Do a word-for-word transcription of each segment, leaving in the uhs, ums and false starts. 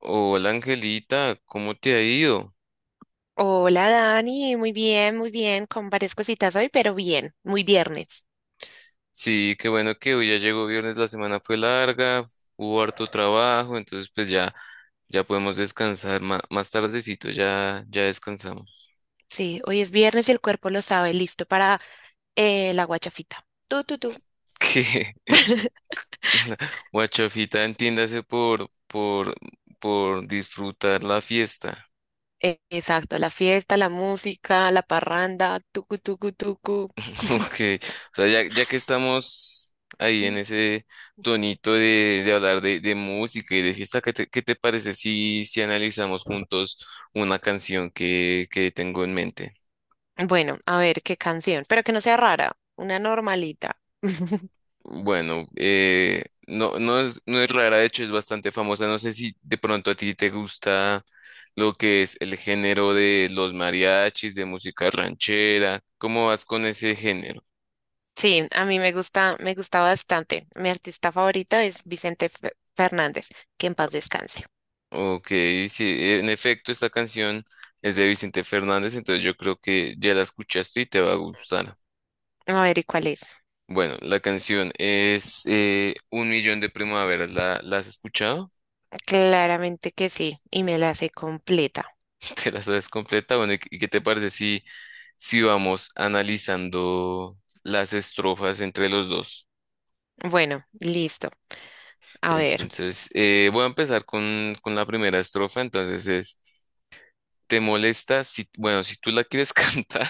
Hola Angelita, ¿cómo te ha ido? Hola Dani, muy bien, muy bien, con varias cositas hoy, pero bien, muy viernes. Sí, qué bueno que hoy ya llegó viernes, la semana fue larga, hubo harto trabajo, entonces pues ya, ya podemos descansar ma- más, tardecito, ya, ya descansamos. Sí, hoy es viernes y el cuerpo lo sabe, listo para eh, la guachafita. Tu, tu, tu. Que la guachafita entiéndase por, por, por disfrutar la fiesta. Eh, exacto, la fiesta, la música, la parranda, tucu, tucu, tucu. Ok, o sea, ya, ya que estamos ahí en ese tonito de, de hablar de, de música y de fiesta, ¿qué te, qué te parece si, si analizamos juntos una canción que, que tengo en mente? Bueno, a ver qué canción, pero que no sea rara, una normalita. Bueno, eh, no, no es, no es rara, de hecho es bastante famosa. No sé si de pronto a ti te gusta lo que es el género de los mariachis, de música ranchera. ¿Cómo vas con ese género? Sí, a mí me gusta, me gusta bastante. Mi artista favorito es Vicente Fe- Fernández, que en paz descanse. Ok, sí, en efecto, esta canción es de Vicente Fernández, entonces yo creo que ya la escuchaste y te va a gustar. A ver, ¿y cuál es? Bueno, la canción es eh, Un Millón de Primaveras. ¿La, la has escuchado? Claramente que sí, y me la sé completa. ¿Te la sabes completa? Bueno, ¿y qué y qué te parece si, si vamos analizando las estrofas entre los dos? Bueno, listo. A ver. Entonces, eh, voy a empezar con, con la primera estrofa. Entonces es, ¿te molesta si, bueno, si tú la quieres cantar?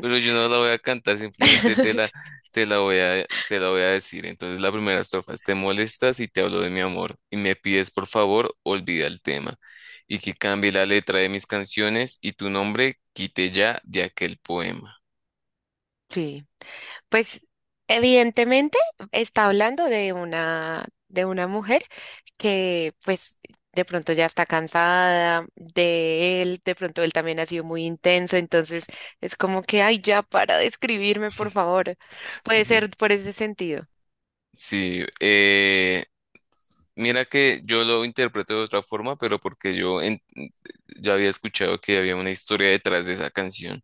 Pero yo no la voy a cantar, simplemente te la, te la voy a, te la voy a decir. Entonces la primera estrofa es, te molestas y te hablo de mi amor y me pides por favor, olvida el tema y que cambie la letra de mis canciones y tu nombre quite ya de aquel poema. Sí. Pues evidentemente está hablando de una de una mujer que pues de pronto ya está cansada de él, de pronto él también ha sido muy intenso, entonces es como que, ay, ya para de escribirme, por favor. Puede Ok. ser por ese sentido. Sí, eh, mira que yo lo interpreto de otra forma, pero porque yo en- ya había escuchado que había una historia detrás de esa canción.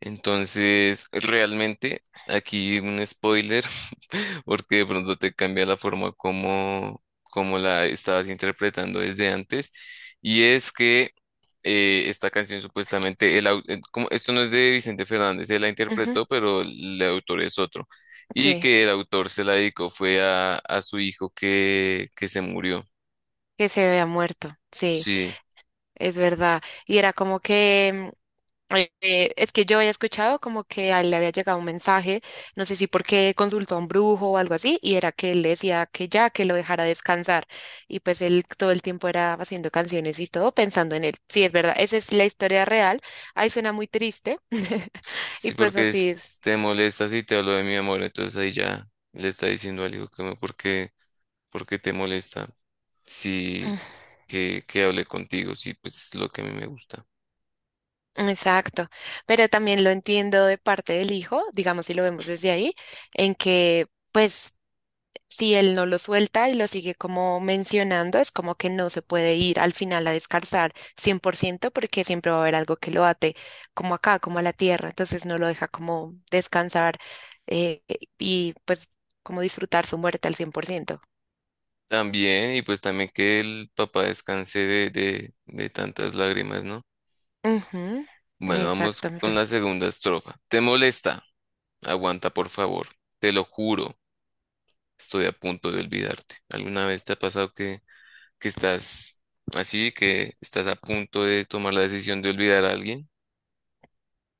Entonces, realmente, aquí un spoiler, porque de pronto te cambia la forma como, como la estabas interpretando desde antes. Y es que eh, esta canción supuestamente, el, au- eh, como, esto no es de Vicente Fernández, él la Ujú. interpretó, pero el autor es otro. Y Sí, que el autor se la dedicó fue a, a su hijo que, que se murió. que se vea muerto. Sí, Sí, es verdad. Y era como que Eh, eh, es que yo había escuchado como que a él le había llegado un mensaje, no sé si porque consultó a un brujo o algo así, y era que él le decía que ya, que lo dejara descansar. Y pues él todo el tiempo era haciendo canciones y todo pensando en él. Sí, es verdad, esa es la historia real. Ahí suena muy triste. Y sí, pues porque es, así es. te molestas y te hablo de mi amor, entonces ahí ya le está diciendo al hijo que me, porque ¿por qué te molesta? Sí, que, que hable contigo, sí, pues es lo que a mí me gusta. Exacto, pero también lo entiendo de parte del hijo, digamos si lo vemos desde ahí, en que pues si él no lo suelta y lo sigue como mencionando, es como que no se puede ir al final a descansar cien por ciento porque siempre va a haber algo que lo ate, como acá, como a la tierra, entonces no lo deja como descansar eh, y pues como disfrutar su muerte al cien por ciento. También, y pues también que el papá descanse de, de, de tantas lágrimas, ¿no? Ujú, Bueno, vamos con exactamente. la segunda estrofa. ¿Te molesta? Aguanta, por favor. Te lo juro, estoy a punto de olvidarte. ¿Alguna vez te ha pasado que, que estás así, que estás a punto de tomar la decisión de olvidar a alguien?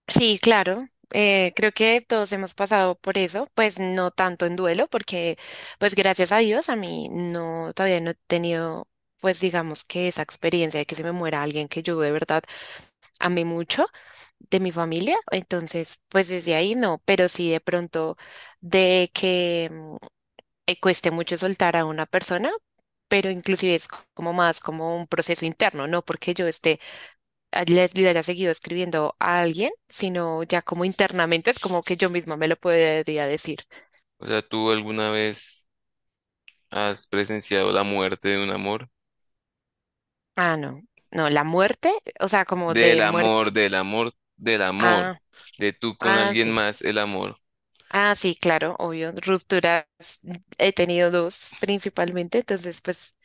Sí, claro. Eh, creo que todos hemos pasado por eso, pues no tanto en duelo, porque pues gracias a Dios a mí no, todavía no he tenido, pues digamos que esa experiencia de que se me muera alguien que yo de verdad amé mucho de mi familia, entonces pues desde ahí no, pero sí de pronto de que mm, eh, cueste mucho soltar a una persona, pero inclusive es co- como más como un proceso interno, no porque yo esté a- les le haya seguido escribiendo a alguien, sino ya como internamente es como que yo misma me lo podría decir. O sea, ¿tú alguna vez has presenciado la muerte de un amor? Ah, no, no, la muerte, o sea, como Del de muerte. amor, del amor, del amor. Ah, De tú con ah, alguien sí. más, el amor. Ah, sí, claro, obvio. Rupturas, mm, he tenido dos principalmente, entonces pues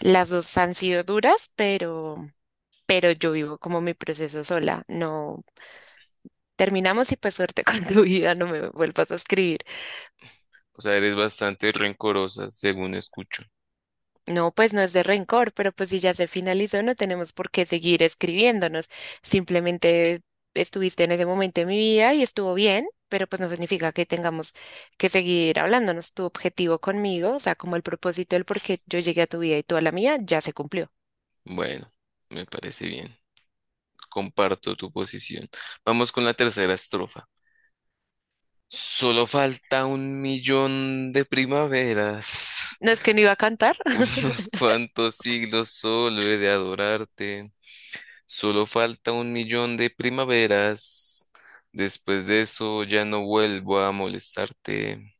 las dos han sido duras, pero, pero yo vivo como mi proceso sola. No terminamos y pues suerte con tu vida, no me vuelvas a escribir. O sea, eres bastante rencorosa, según escucho. No, pues no es de rencor, pero pues si ya se finalizó, no tenemos por qué seguir escribiéndonos. Simplemente estuviste en ese momento de mi vida y estuvo bien, pero pues no significa que tengamos que seguir hablándonos. Tu objetivo conmigo, o sea, como el propósito del por qué yo llegué a tu vida y tú a la mía, ya se cumplió. Bueno, me parece bien. Comparto tu posición. Vamos con la tercera estrofa. Solo falta un millón de primaveras, ¿No es que no iba a cantar? unos cuantos siglos solo he de adorarte. Solo falta un millón de primaveras. Después de eso ya no vuelvo a molestarte.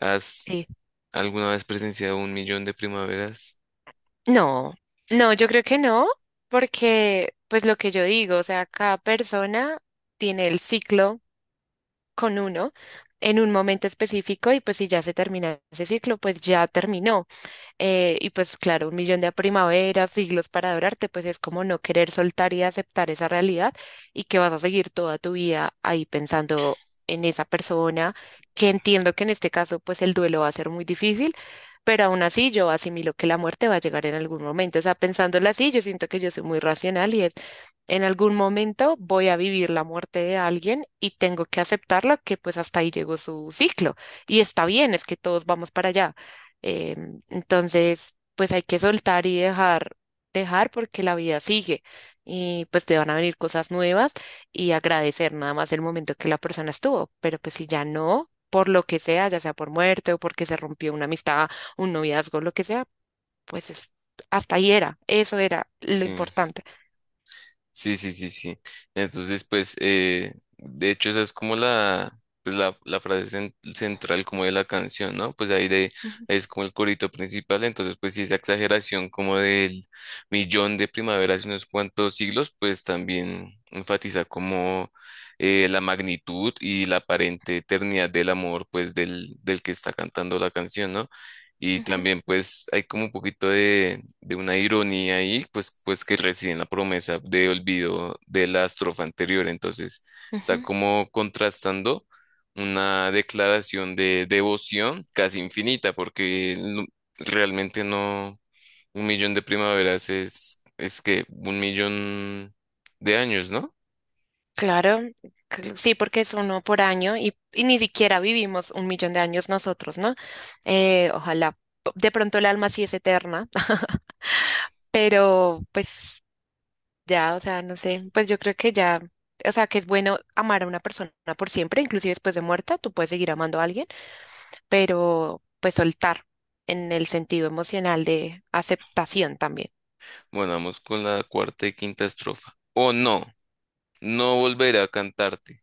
Has Sí. ¿Alguna vez presenciado un millón de primaveras? No, no, yo creo que no, porque pues lo que yo digo, o sea, cada persona tiene el ciclo con uno en un momento específico y pues si ya se termina ese ciclo, pues ya terminó. Eh, y pues claro, un millón de primaveras, siglos para adorarte, pues es como no querer soltar y aceptar esa realidad y que vas a seguir toda tu vida ahí pensando en esa persona, que entiendo que en este caso pues el duelo va a ser muy difícil, pero aún así yo asimilo que la muerte va a llegar en algún momento. O sea, pensándolo así, yo siento que yo soy muy racional y es, en algún momento voy a vivir la muerte de alguien y tengo que aceptarla, que pues hasta ahí llegó su ciclo. Y está bien, es que todos vamos para allá. eh, entonces, pues hay que soltar y dejar, dejar porque la vida sigue y pues te van a venir cosas nuevas y agradecer nada más el momento que la persona estuvo, pero pues si ya no, por lo que sea, ya sea por muerte o porque se rompió una amistad, un noviazgo, lo que sea, pues es, hasta ahí era, eso era lo Sí, importante. sí, sí, sí, sí. Entonces, pues, eh, de hecho, esa es como la, pues, la, la frase cen- central como de la canción, ¿no? Pues ahí, de, Ujú, ahí es como el corito principal, entonces, pues, sí, esa exageración como del millón de primaveras y unos cuantos siglos, pues también enfatiza como eh, la magnitud y la aparente eternidad del amor, pues, del, del que está cantando la canción, ¿no? Y ujú, también pues hay como un poquito de, de una ironía ahí, pues, pues que reside en la promesa de olvido de la estrofa anterior. Entonces está ujú. como contrastando una declaración de devoción casi infinita, porque no- realmente no, un millón de primaveras es, es que un millón de años, ¿no? Claro, cl- sí, porque es uno por año y, y ni siquiera vivimos un millón de años nosotros, ¿no? Eh, ojalá, p- de pronto el alma sí es eterna. Pero pues ya, o sea, no sé, pues yo creo que ya, o sea, que es bueno amar a una persona por siempre, inclusive después de muerta, tú puedes seguir amando a alguien, pero pues soltar en el sentido emocional de aceptación también. Bueno, vamos con la cuarta y quinta estrofa. Oh, no, no volveré a cantarte.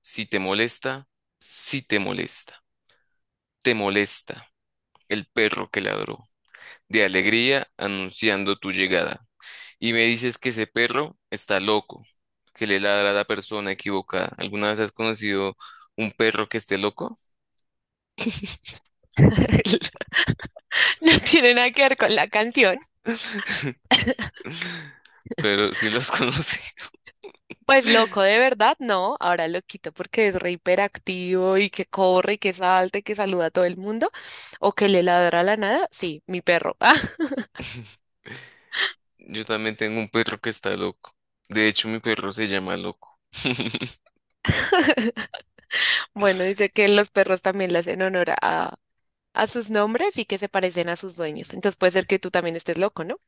Si te molesta, si te molesta. Te molesta el perro que ladró de alegría anunciando tu llegada. Y me dices que ese perro está loco, que le ladra a la persona equivocada. ¿Alguna vez has conocido un perro que esté loco? No tiene nada que ver con la canción. Pero sí los has. Pues loco, de verdad, no. Ahora lo quito porque es re hiperactivo y que corre y que salta y que saluda a todo el mundo o que le ladra a la nada. Sí, mi perro. Yo también tengo un perro que está loco. De hecho, mi perro se llama Loco. Bueno, dice que los perros también le hacen honor a, a sus nombres y que se parecen a sus dueños. Entonces puede ser que tú también estés loco, ¿no?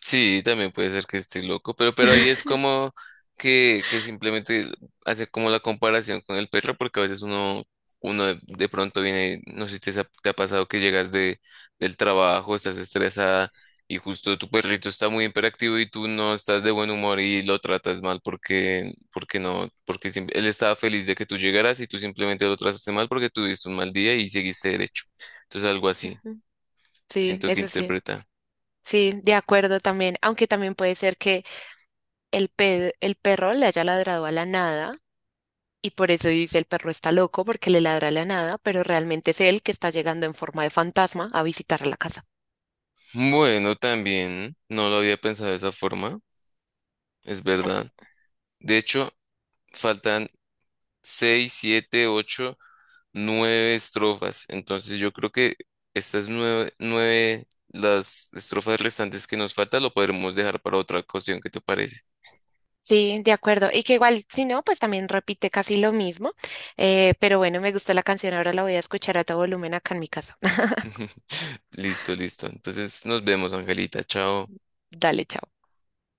Sí, también puede ser que esté loco, pero, pero ahí es como que, que simplemente hace como la comparación con el perro, porque a veces uno, uno de, de pronto viene, no sé si te, sa- te ha pasado que llegas de, del trabajo, estás estresada y justo tu perrito está muy hiperactivo y tú no estás de buen humor y lo tratas mal porque, porque no, porque sim- él estaba feliz de que tú llegaras y tú simplemente lo trataste mal porque tuviste un mal día y seguiste derecho. Entonces algo así, Ujú. Sí, siento que eso sí. interpreta. Sí, de acuerdo también. Aunque también puede ser que el pe- el perro le haya ladrado a la nada y por eso dice el perro está loco porque le ladra a la nada, pero realmente es él que está llegando en forma de fantasma a visitar la casa. Bueno, también no lo había pensado de esa forma, es verdad. De hecho, faltan seis, siete, ocho, nueve estrofas. Entonces yo creo que estas nueve, nueve, las estrofas restantes que nos faltan lo podremos dejar para otra ocasión, ¿qué te parece? Sí, de acuerdo. Y que igual, si no, pues también repite casi lo mismo. Eh, pero bueno, me gustó la canción, ahora la voy a escuchar a todo volumen acá en mi casa. Listo, listo. Entonces nos vemos, Angelita. Chao. Dale, chao.